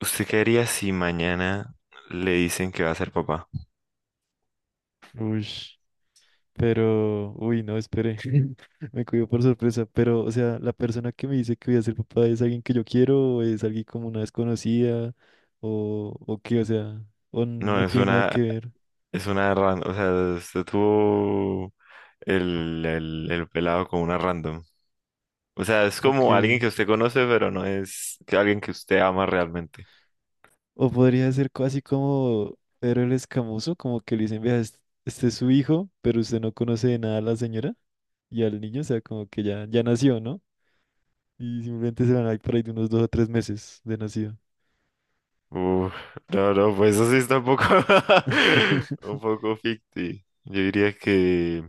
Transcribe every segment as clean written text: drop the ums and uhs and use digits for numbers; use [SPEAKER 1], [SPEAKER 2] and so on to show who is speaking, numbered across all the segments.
[SPEAKER 1] ¿Usted qué haría si mañana le dicen que va a ser papá?
[SPEAKER 2] Uy, pero, uy, no, espere, me cogió por sorpresa, pero, o sea, la persona que me dice que voy a ser papá es alguien que yo quiero, o es alguien como una desconocida, o qué, o sea, o
[SPEAKER 1] No,
[SPEAKER 2] no
[SPEAKER 1] es
[SPEAKER 2] tiene nada que
[SPEAKER 1] una,
[SPEAKER 2] ver,
[SPEAKER 1] es una random. O sea, usted tuvo el pelado con una random. O sea, es
[SPEAKER 2] ok,
[SPEAKER 1] como alguien que usted conoce, pero no es que alguien que usted ama realmente.
[SPEAKER 2] o podría ser casi como Pedro el Escamoso, como que le dicen, vea, este es su hijo, pero usted no conoce de nada a la señora y al niño, o sea, como que ya, ya nació, ¿no? Y simplemente se van a ir por ahí de unos 2 o 3 meses de nacido.
[SPEAKER 1] Uf, no, no, pues eso sí está un poco ficti. Yo diría que,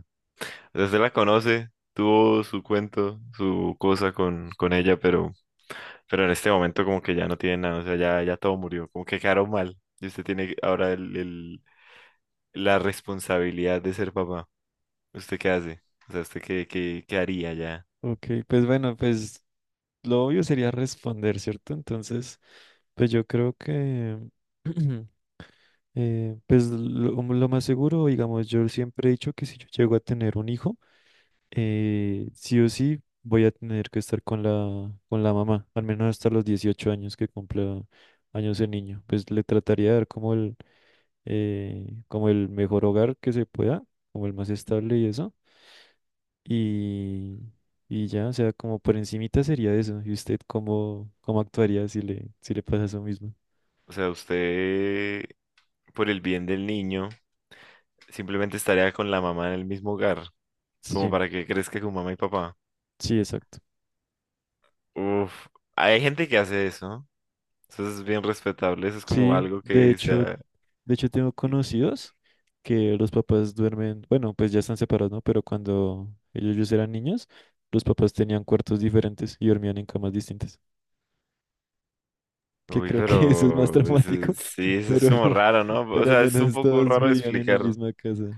[SPEAKER 1] o sea, usted la conoce, tuvo su cuento, su cosa con ella, pero en este momento como que ya no tiene nada. O sea, ya, ya todo murió, como que quedaron mal. Y usted tiene ahora la responsabilidad de ser papá. ¿Usted qué hace? O sea, ¿usted qué haría ya?
[SPEAKER 2] Ok, pues bueno, pues lo obvio sería responder, ¿cierto? Entonces, pues yo creo que, pues lo más seguro, digamos, yo siempre he dicho que si yo llego a tener un hijo, sí o sí voy a tener que estar con la mamá, al menos hasta los 18 años que cumpla años de niño. Pues le trataría de dar como el mejor hogar que se pueda, como el más estable y eso. Y, y ya, o sea, como por encimita sería eso. ¿Y usted cómo, cómo actuaría si le pasa eso mismo?
[SPEAKER 1] O sea, usted, por el bien del niño, simplemente estaría con la mamá en el mismo hogar, como
[SPEAKER 2] Sí,
[SPEAKER 1] para que crezca con mamá y papá.
[SPEAKER 2] sí, exacto.
[SPEAKER 1] Uf, hay gente que hace eso. Eso es bien respetable, eso es como
[SPEAKER 2] Sí,
[SPEAKER 1] algo que sea.
[SPEAKER 2] de hecho tengo conocidos que los papás duermen, bueno, pues ya están separados, ¿no? Pero cuando ellos eran niños, los papás tenían cuartos diferentes y dormían en camas distintas. Que
[SPEAKER 1] Uy,
[SPEAKER 2] creo que eso es más
[SPEAKER 1] pero
[SPEAKER 2] traumático,
[SPEAKER 1] sí, eso es
[SPEAKER 2] pero,
[SPEAKER 1] como raro, ¿no? O
[SPEAKER 2] pero al
[SPEAKER 1] sea, es un
[SPEAKER 2] menos
[SPEAKER 1] poco
[SPEAKER 2] todos
[SPEAKER 1] raro
[SPEAKER 2] vivían en la
[SPEAKER 1] explicar.
[SPEAKER 2] misma casa.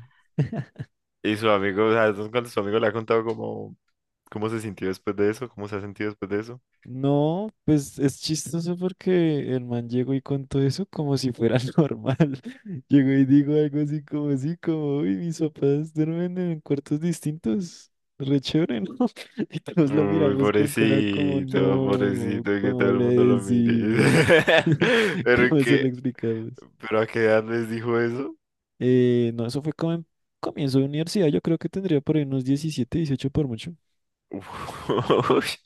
[SPEAKER 1] Y su amigo, o sea, entonces cuando su amigo le ha contado cómo, se sintió después de eso, cómo se ha sentido después de eso.
[SPEAKER 2] No, pues es chistoso porque el man llegó y contó eso como si fuera normal. Llegó y dijo algo así, como, uy, mis papás duermen en cuartos distintos. Re chévere, ¿no? Y todos lo
[SPEAKER 1] Uy,
[SPEAKER 2] miramos con cara como,
[SPEAKER 1] pobrecito,
[SPEAKER 2] no,
[SPEAKER 1] pobrecito, que todo
[SPEAKER 2] ¿cómo
[SPEAKER 1] el
[SPEAKER 2] le
[SPEAKER 1] mundo lo mire.
[SPEAKER 2] decimos?
[SPEAKER 1] Pero
[SPEAKER 2] ¿Cómo se lo
[SPEAKER 1] que,
[SPEAKER 2] explicamos?
[SPEAKER 1] ¿pero a qué edad les dijo eso?
[SPEAKER 2] No, eso fue como en comienzo de universidad. Yo creo que tendría por ahí unos 17, 18 por mucho.
[SPEAKER 1] Uy.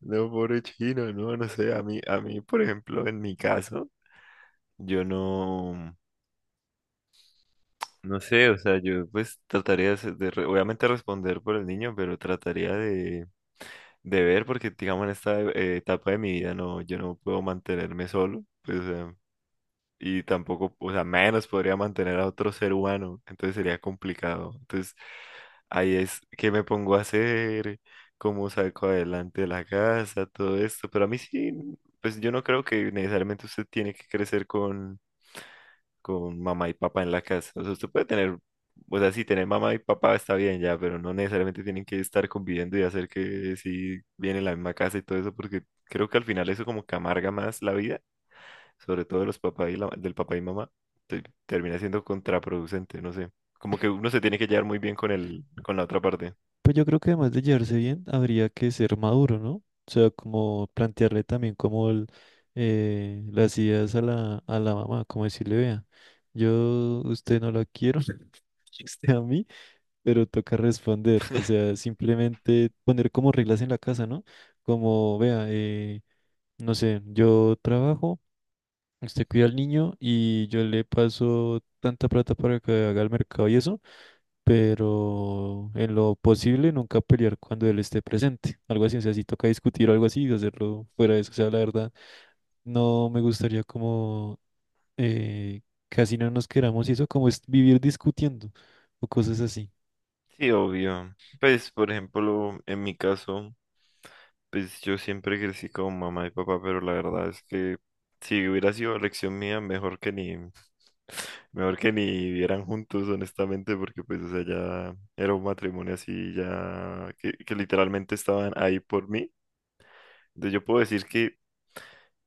[SPEAKER 1] No, pobre chino, no, no sé. A mí, por ejemplo, en mi caso, yo no, no sé. O sea, yo pues trataría de, obviamente responder por el niño, pero trataría de ver, porque digamos en esta etapa de mi vida no, yo no puedo mantenerme solo, pues, o sea. Y tampoco, o sea, menos podría mantener a otro ser humano, entonces sería complicado. Entonces, ahí es que me pongo a hacer, cómo saco adelante la casa, todo esto, pero a mí sí, pues yo no creo que necesariamente usted tiene que crecer con mamá y papá en la casa. O sea, usted puede tener, o sea, sí, tener mamá y papá está bien ya, pero no necesariamente tienen que estar conviviendo y hacer que si viene la misma casa y todo eso, porque creo que al final eso como que amarga más la vida, sobre todo de los papás y del papá y mamá, termina siendo contraproducente, no sé. Como que uno se tiene que llevar muy bien con la otra parte.
[SPEAKER 2] Pues yo creo que además de llevarse bien, habría que ser maduro, ¿no? O sea, como plantearle también como las ideas a la mamá, como decirle, vea, yo usted no la quiero, usted a mí, pero toca responder. O sea, simplemente poner como reglas en la casa, ¿no? Como, vea, no sé, yo trabajo, usted cuida al niño y yo le paso tanta plata para que haga el mercado y eso pero en lo posible nunca pelear cuando él esté presente. Algo así, o sea, si toca discutir o algo así, hacerlo fuera de eso. O sea, la verdad, no me gustaría como eh, casi no nos queramos y eso, como es vivir discutiendo o cosas así.
[SPEAKER 1] Sí, obvio. Pues, por ejemplo, en mi caso, pues yo siempre crecí con mamá y papá, pero la verdad es que si hubiera sido elección mía, mejor que ni vivieran juntos, honestamente. Porque pues, o sea, ya era un matrimonio así, ya que literalmente estaban ahí por mí. Entonces yo puedo decir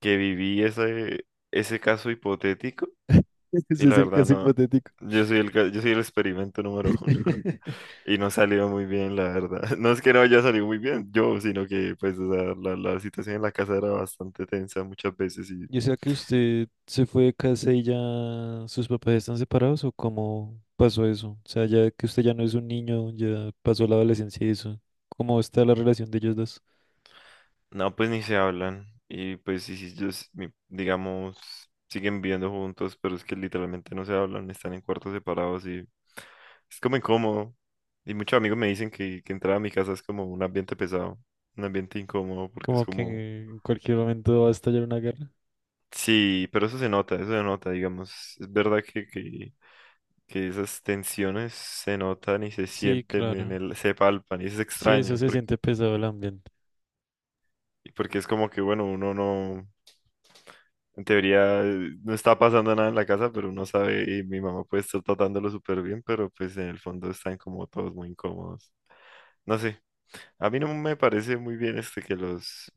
[SPEAKER 1] que viví ese, caso hipotético. Y
[SPEAKER 2] Ese
[SPEAKER 1] la
[SPEAKER 2] es el
[SPEAKER 1] verdad
[SPEAKER 2] caso
[SPEAKER 1] no,
[SPEAKER 2] hipotético.
[SPEAKER 1] yo soy el experimento número uno y no salió muy bien, la verdad. No es que no haya salido muy bien yo, sino que pues, o sea, la situación en la casa era bastante tensa muchas veces y...
[SPEAKER 2] Yo sea que usted se fue de casa y ya sus papás están separados o cómo pasó eso. O sea, ya que usted ya no es un niño, ya pasó la adolescencia y eso. ¿Cómo está la relación de ellos dos?
[SPEAKER 1] No, pues ni se hablan. Y pues sí, sí, ellos, digamos, siguen viviendo juntos, pero es que literalmente no se hablan, están en cuartos separados y es como incómodo. Y muchos amigos me dicen que, entrar a mi casa es como un ambiente pesado, un ambiente incómodo, porque es
[SPEAKER 2] Como que
[SPEAKER 1] como...
[SPEAKER 2] en cualquier momento va a estallar una guerra.
[SPEAKER 1] Sí, pero eso se nota, digamos. Es verdad que esas tensiones se notan y se
[SPEAKER 2] Sí,
[SPEAKER 1] sienten
[SPEAKER 2] claro.
[SPEAKER 1] se palpan, y es
[SPEAKER 2] Sí, eso
[SPEAKER 1] extraño.
[SPEAKER 2] se
[SPEAKER 1] Porque,
[SPEAKER 2] siente pesado el ambiente.
[SPEAKER 1] porque es como que, bueno, uno no... En teoría no está pasando nada en la casa, pero uno sabe, y mi mamá puede estar tratándolo súper bien, pero pues en el fondo están como todos muy incómodos. No sé, a mí no me parece muy bien que los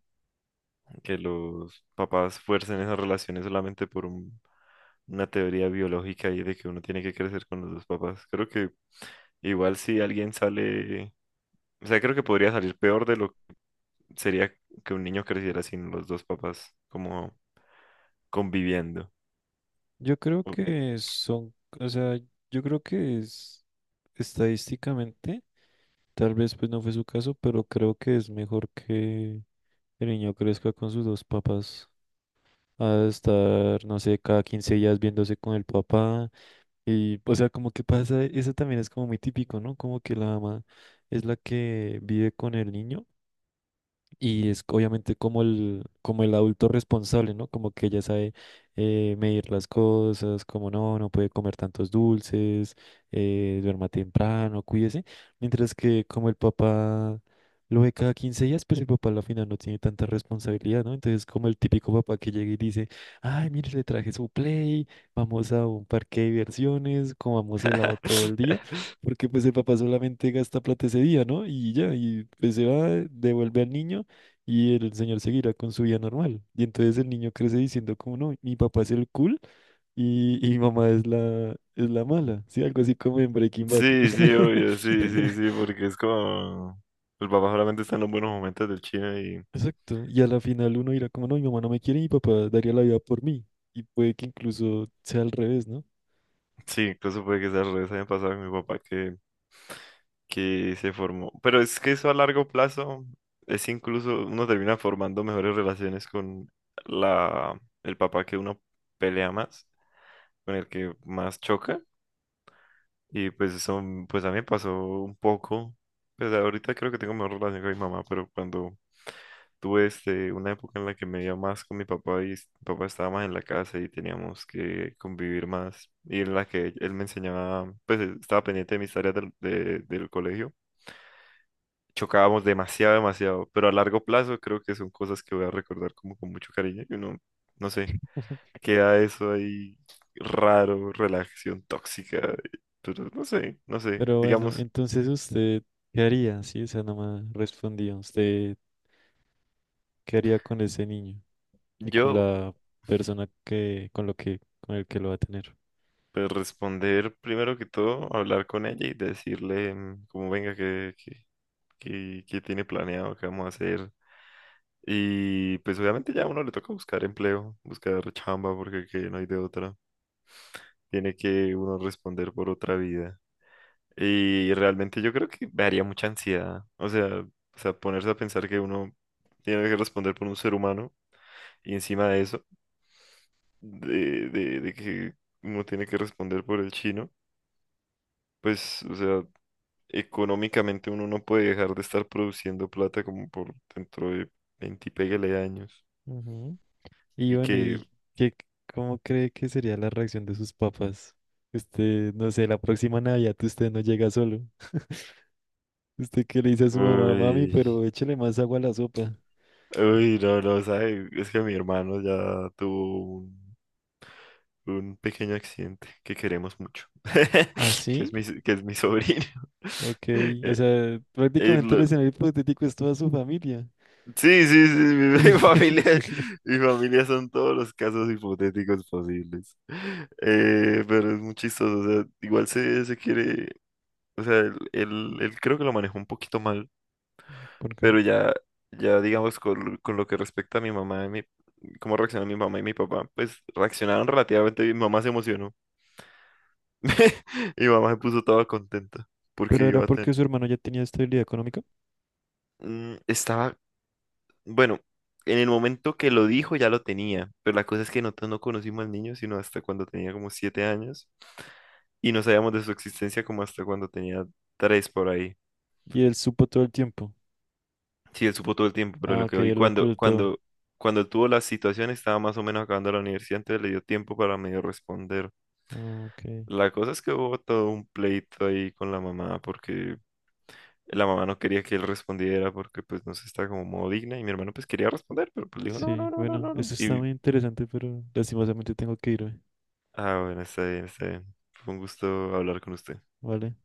[SPEAKER 1] que los papás fuercen esas relaciones solamente por una teoría biológica y de que uno tiene que crecer con los dos papás. Creo que igual si alguien sale, o sea, creo que podría salir peor de lo que sería que un niño creciera sin los dos papás como conviviendo.
[SPEAKER 2] Yo creo que son, o sea, yo creo que es estadísticamente, tal vez pues no fue su caso, pero creo que es mejor que el niño crezca con sus dos papás. A estar, no sé, cada 15 días viéndose con el papá. Y, o sea, como que pasa, eso también es como muy típico, ¿no? Como que la mamá es la que vive con el niño. Y es obviamente como el adulto responsable, ¿no? Como que ya sabe medir las cosas, como no, no puede comer tantos dulces, duerma temprano, cuídese. Mientras que como el papá lo ve cada 15 días, pues el papá a la final no tiene tanta responsabilidad, ¿no? Entonces como el típico papá que llega y dice, ay, mire, le traje su play, vamos a un parque de diversiones, comamos helado todo el día. Porque pues el papá solamente gasta plata ese día, ¿no? Y ya, y pues se va, devuelve al niño y el señor seguirá con su vida normal. Y entonces el niño crece diciendo como no, mi papá es el cool y mi mamá es la mala, ¿sí? Algo así como en Breaking Bad.
[SPEAKER 1] Sí, sí, obvio, sí, sí, sí, porque es como... El papá solamente está en los buenos momentos del chino y...
[SPEAKER 2] Exacto. Y a la final uno dirá como no, mi mamá no me quiere y mi papá daría la vida por mí. Y puede que incluso sea al revés, ¿no?
[SPEAKER 1] Sí, incluso puede que sea al revés, haya pasado con mi papá que se formó. Pero es que eso a largo plazo es incluso... Uno termina formando mejores relaciones con la, el papá que uno pelea más, con el que más choca. Y pues eso, pues a mí me pasó un poco. Pues ahorita creo que tengo mejor relación con mi mamá, pero cuando tuve una época en la que me iba más con mi papá y mi papá estaba más en la casa y teníamos que convivir más, y en la que él me enseñaba, pues él estaba pendiente de mis tareas del, del colegio. Chocábamos demasiado, demasiado, pero a largo plazo creo que son cosas que voy a recordar como con mucho cariño y uno, no sé, queda eso ahí raro, relación tóxica, pero no sé, no sé.
[SPEAKER 2] Pero bueno,
[SPEAKER 1] Digamos,
[SPEAKER 2] entonces usted, ¿qué haría? Sí, esa no me respondía. ¿Usted qué haría con ese niño y con
[SPEAKER 1] yo
[SPEAKER 2] la persona que, con lo que, con el que lo va a tener?
[SPEAKER 1] pues, responder primero que todo, hablar con ella y decirle como venga, que, que tiene planeado, qué vamos a hacer. Y pues obviamente ya a uno le toca buscar empleo, buscar chamba porque que no hay de otra. Tiene que uno responder por otra vida. Y realmente yo creo que me haría mucha ansiedad. O sea, ponerse a pensar que uno tiene que responder por un ser humano. Y encima de eso, de que uno tiene que responder por el chino, pues, o sea, económicamente uno no puede dejar de estar produciendo plata como por dentro de 20 y pégale años.
[SPEAKER 2] Ujú. Y
[SPEAKER 1] Y
[SPEAKER 2] bueno,
[SPEAKER 1] que,
[SPEAKER 2] ¿y qué, cómo cree que sería la reacción de sus papás? Usted, no sé, la próxima Navidad usted no llega solo. ¿Usted qué le dice a su mamá, mami,
[SPEAKER 1] Uy,
[SPEAKER 2] pero échale más agua a la sopa?
[SPEAKER 1] uy, no, no, sabe, es que mi hermano ya tuvo un pequeño accidente que queremos mucho,
[SPEAKER 2] ¿Ah,
[SPEAKER 1] que
[SPEAKER 2] sí?
[SPEAKER 1] es mi, que es mi sobrino.
[SPEAKER 2] Ok, o
[SPEAKER 1] Eh,
[SPEAKER 2] sea, prácticamente el
[SPEAKER 1] él,
[SPEAKER 2] escenario hipotético es toda su familia.
[SPEAKER 1] sí, sí, sí, mi familia son todos los casos hipotéticos posibles. Pero es muy chistoso. O sea, igual se, quiere, o sea, él, él creo que lo manejó un poquito mal.
[SPEAKER 2] ¿Por qué?
[SPEAKER 1] Pero ya, ya digamos, con lo que respecta a mi mamá y cómo reaccionaron mi mamá y mi papá, pues reaccionaron relativamente bien. Mi mamá se emocionó, y mi mamá se puso toda contenta porque
[SPEAKER 2] Pero era
[SPEAKER 1] iba a tener,
[SPEAKER 2] porque su hermano ya tenía estabilidad económica
[SPEAKER 1] estaba bueno, en el momento que lo dijo ya lo tenía. Pero la cosa es que nosotros no conocimos al niño sino hasta cuando tenía como 7 años, y no sabíamos de su existencia como hasta cuando tenía 3 por ahí.
[SPEAKER 2] y él supo todo el tiempo.
[SPEAKER 1] Sí, él supo todo el tiempo, pero
[SPEAKER 2] Ah,
[SPEAKER 1] lo que
[SPEAKER 2] ok,
[SPEAKER 1] hoy
[SPEAKER 2] él lo
[SPEAKER 1] cuando,
[SPEAKER 2] ocultó.
[SPEAKER 1] cuando tuvo la situación estaba más o menos acabando la universidad, entonces le dio tiempo para medio responder.
[SPEAKER 2] Ah, ok.
[SPEAKER 1] La cosa es que hubo todo un pleito ahí con la mamá, porque la mamá no quería que él respondiera, porque pues no se está como modo digna, y mi hermano pues quería responder, pero pues le dijo no, no,
[SPEAKER 2] Sí,
[SPEAKER 1] no, no,
[SPEAKER 2] bueno,
[SPEAKER 1] no, no.
[SPEAKER 2] eso está muy interesante, pero lastimosamente tengo que irme,
[SPEAKER 1] Ah, bueno, está bien, está bien. Fue un gusto hablar con usted.
[SPEAKER 2] ¿vale?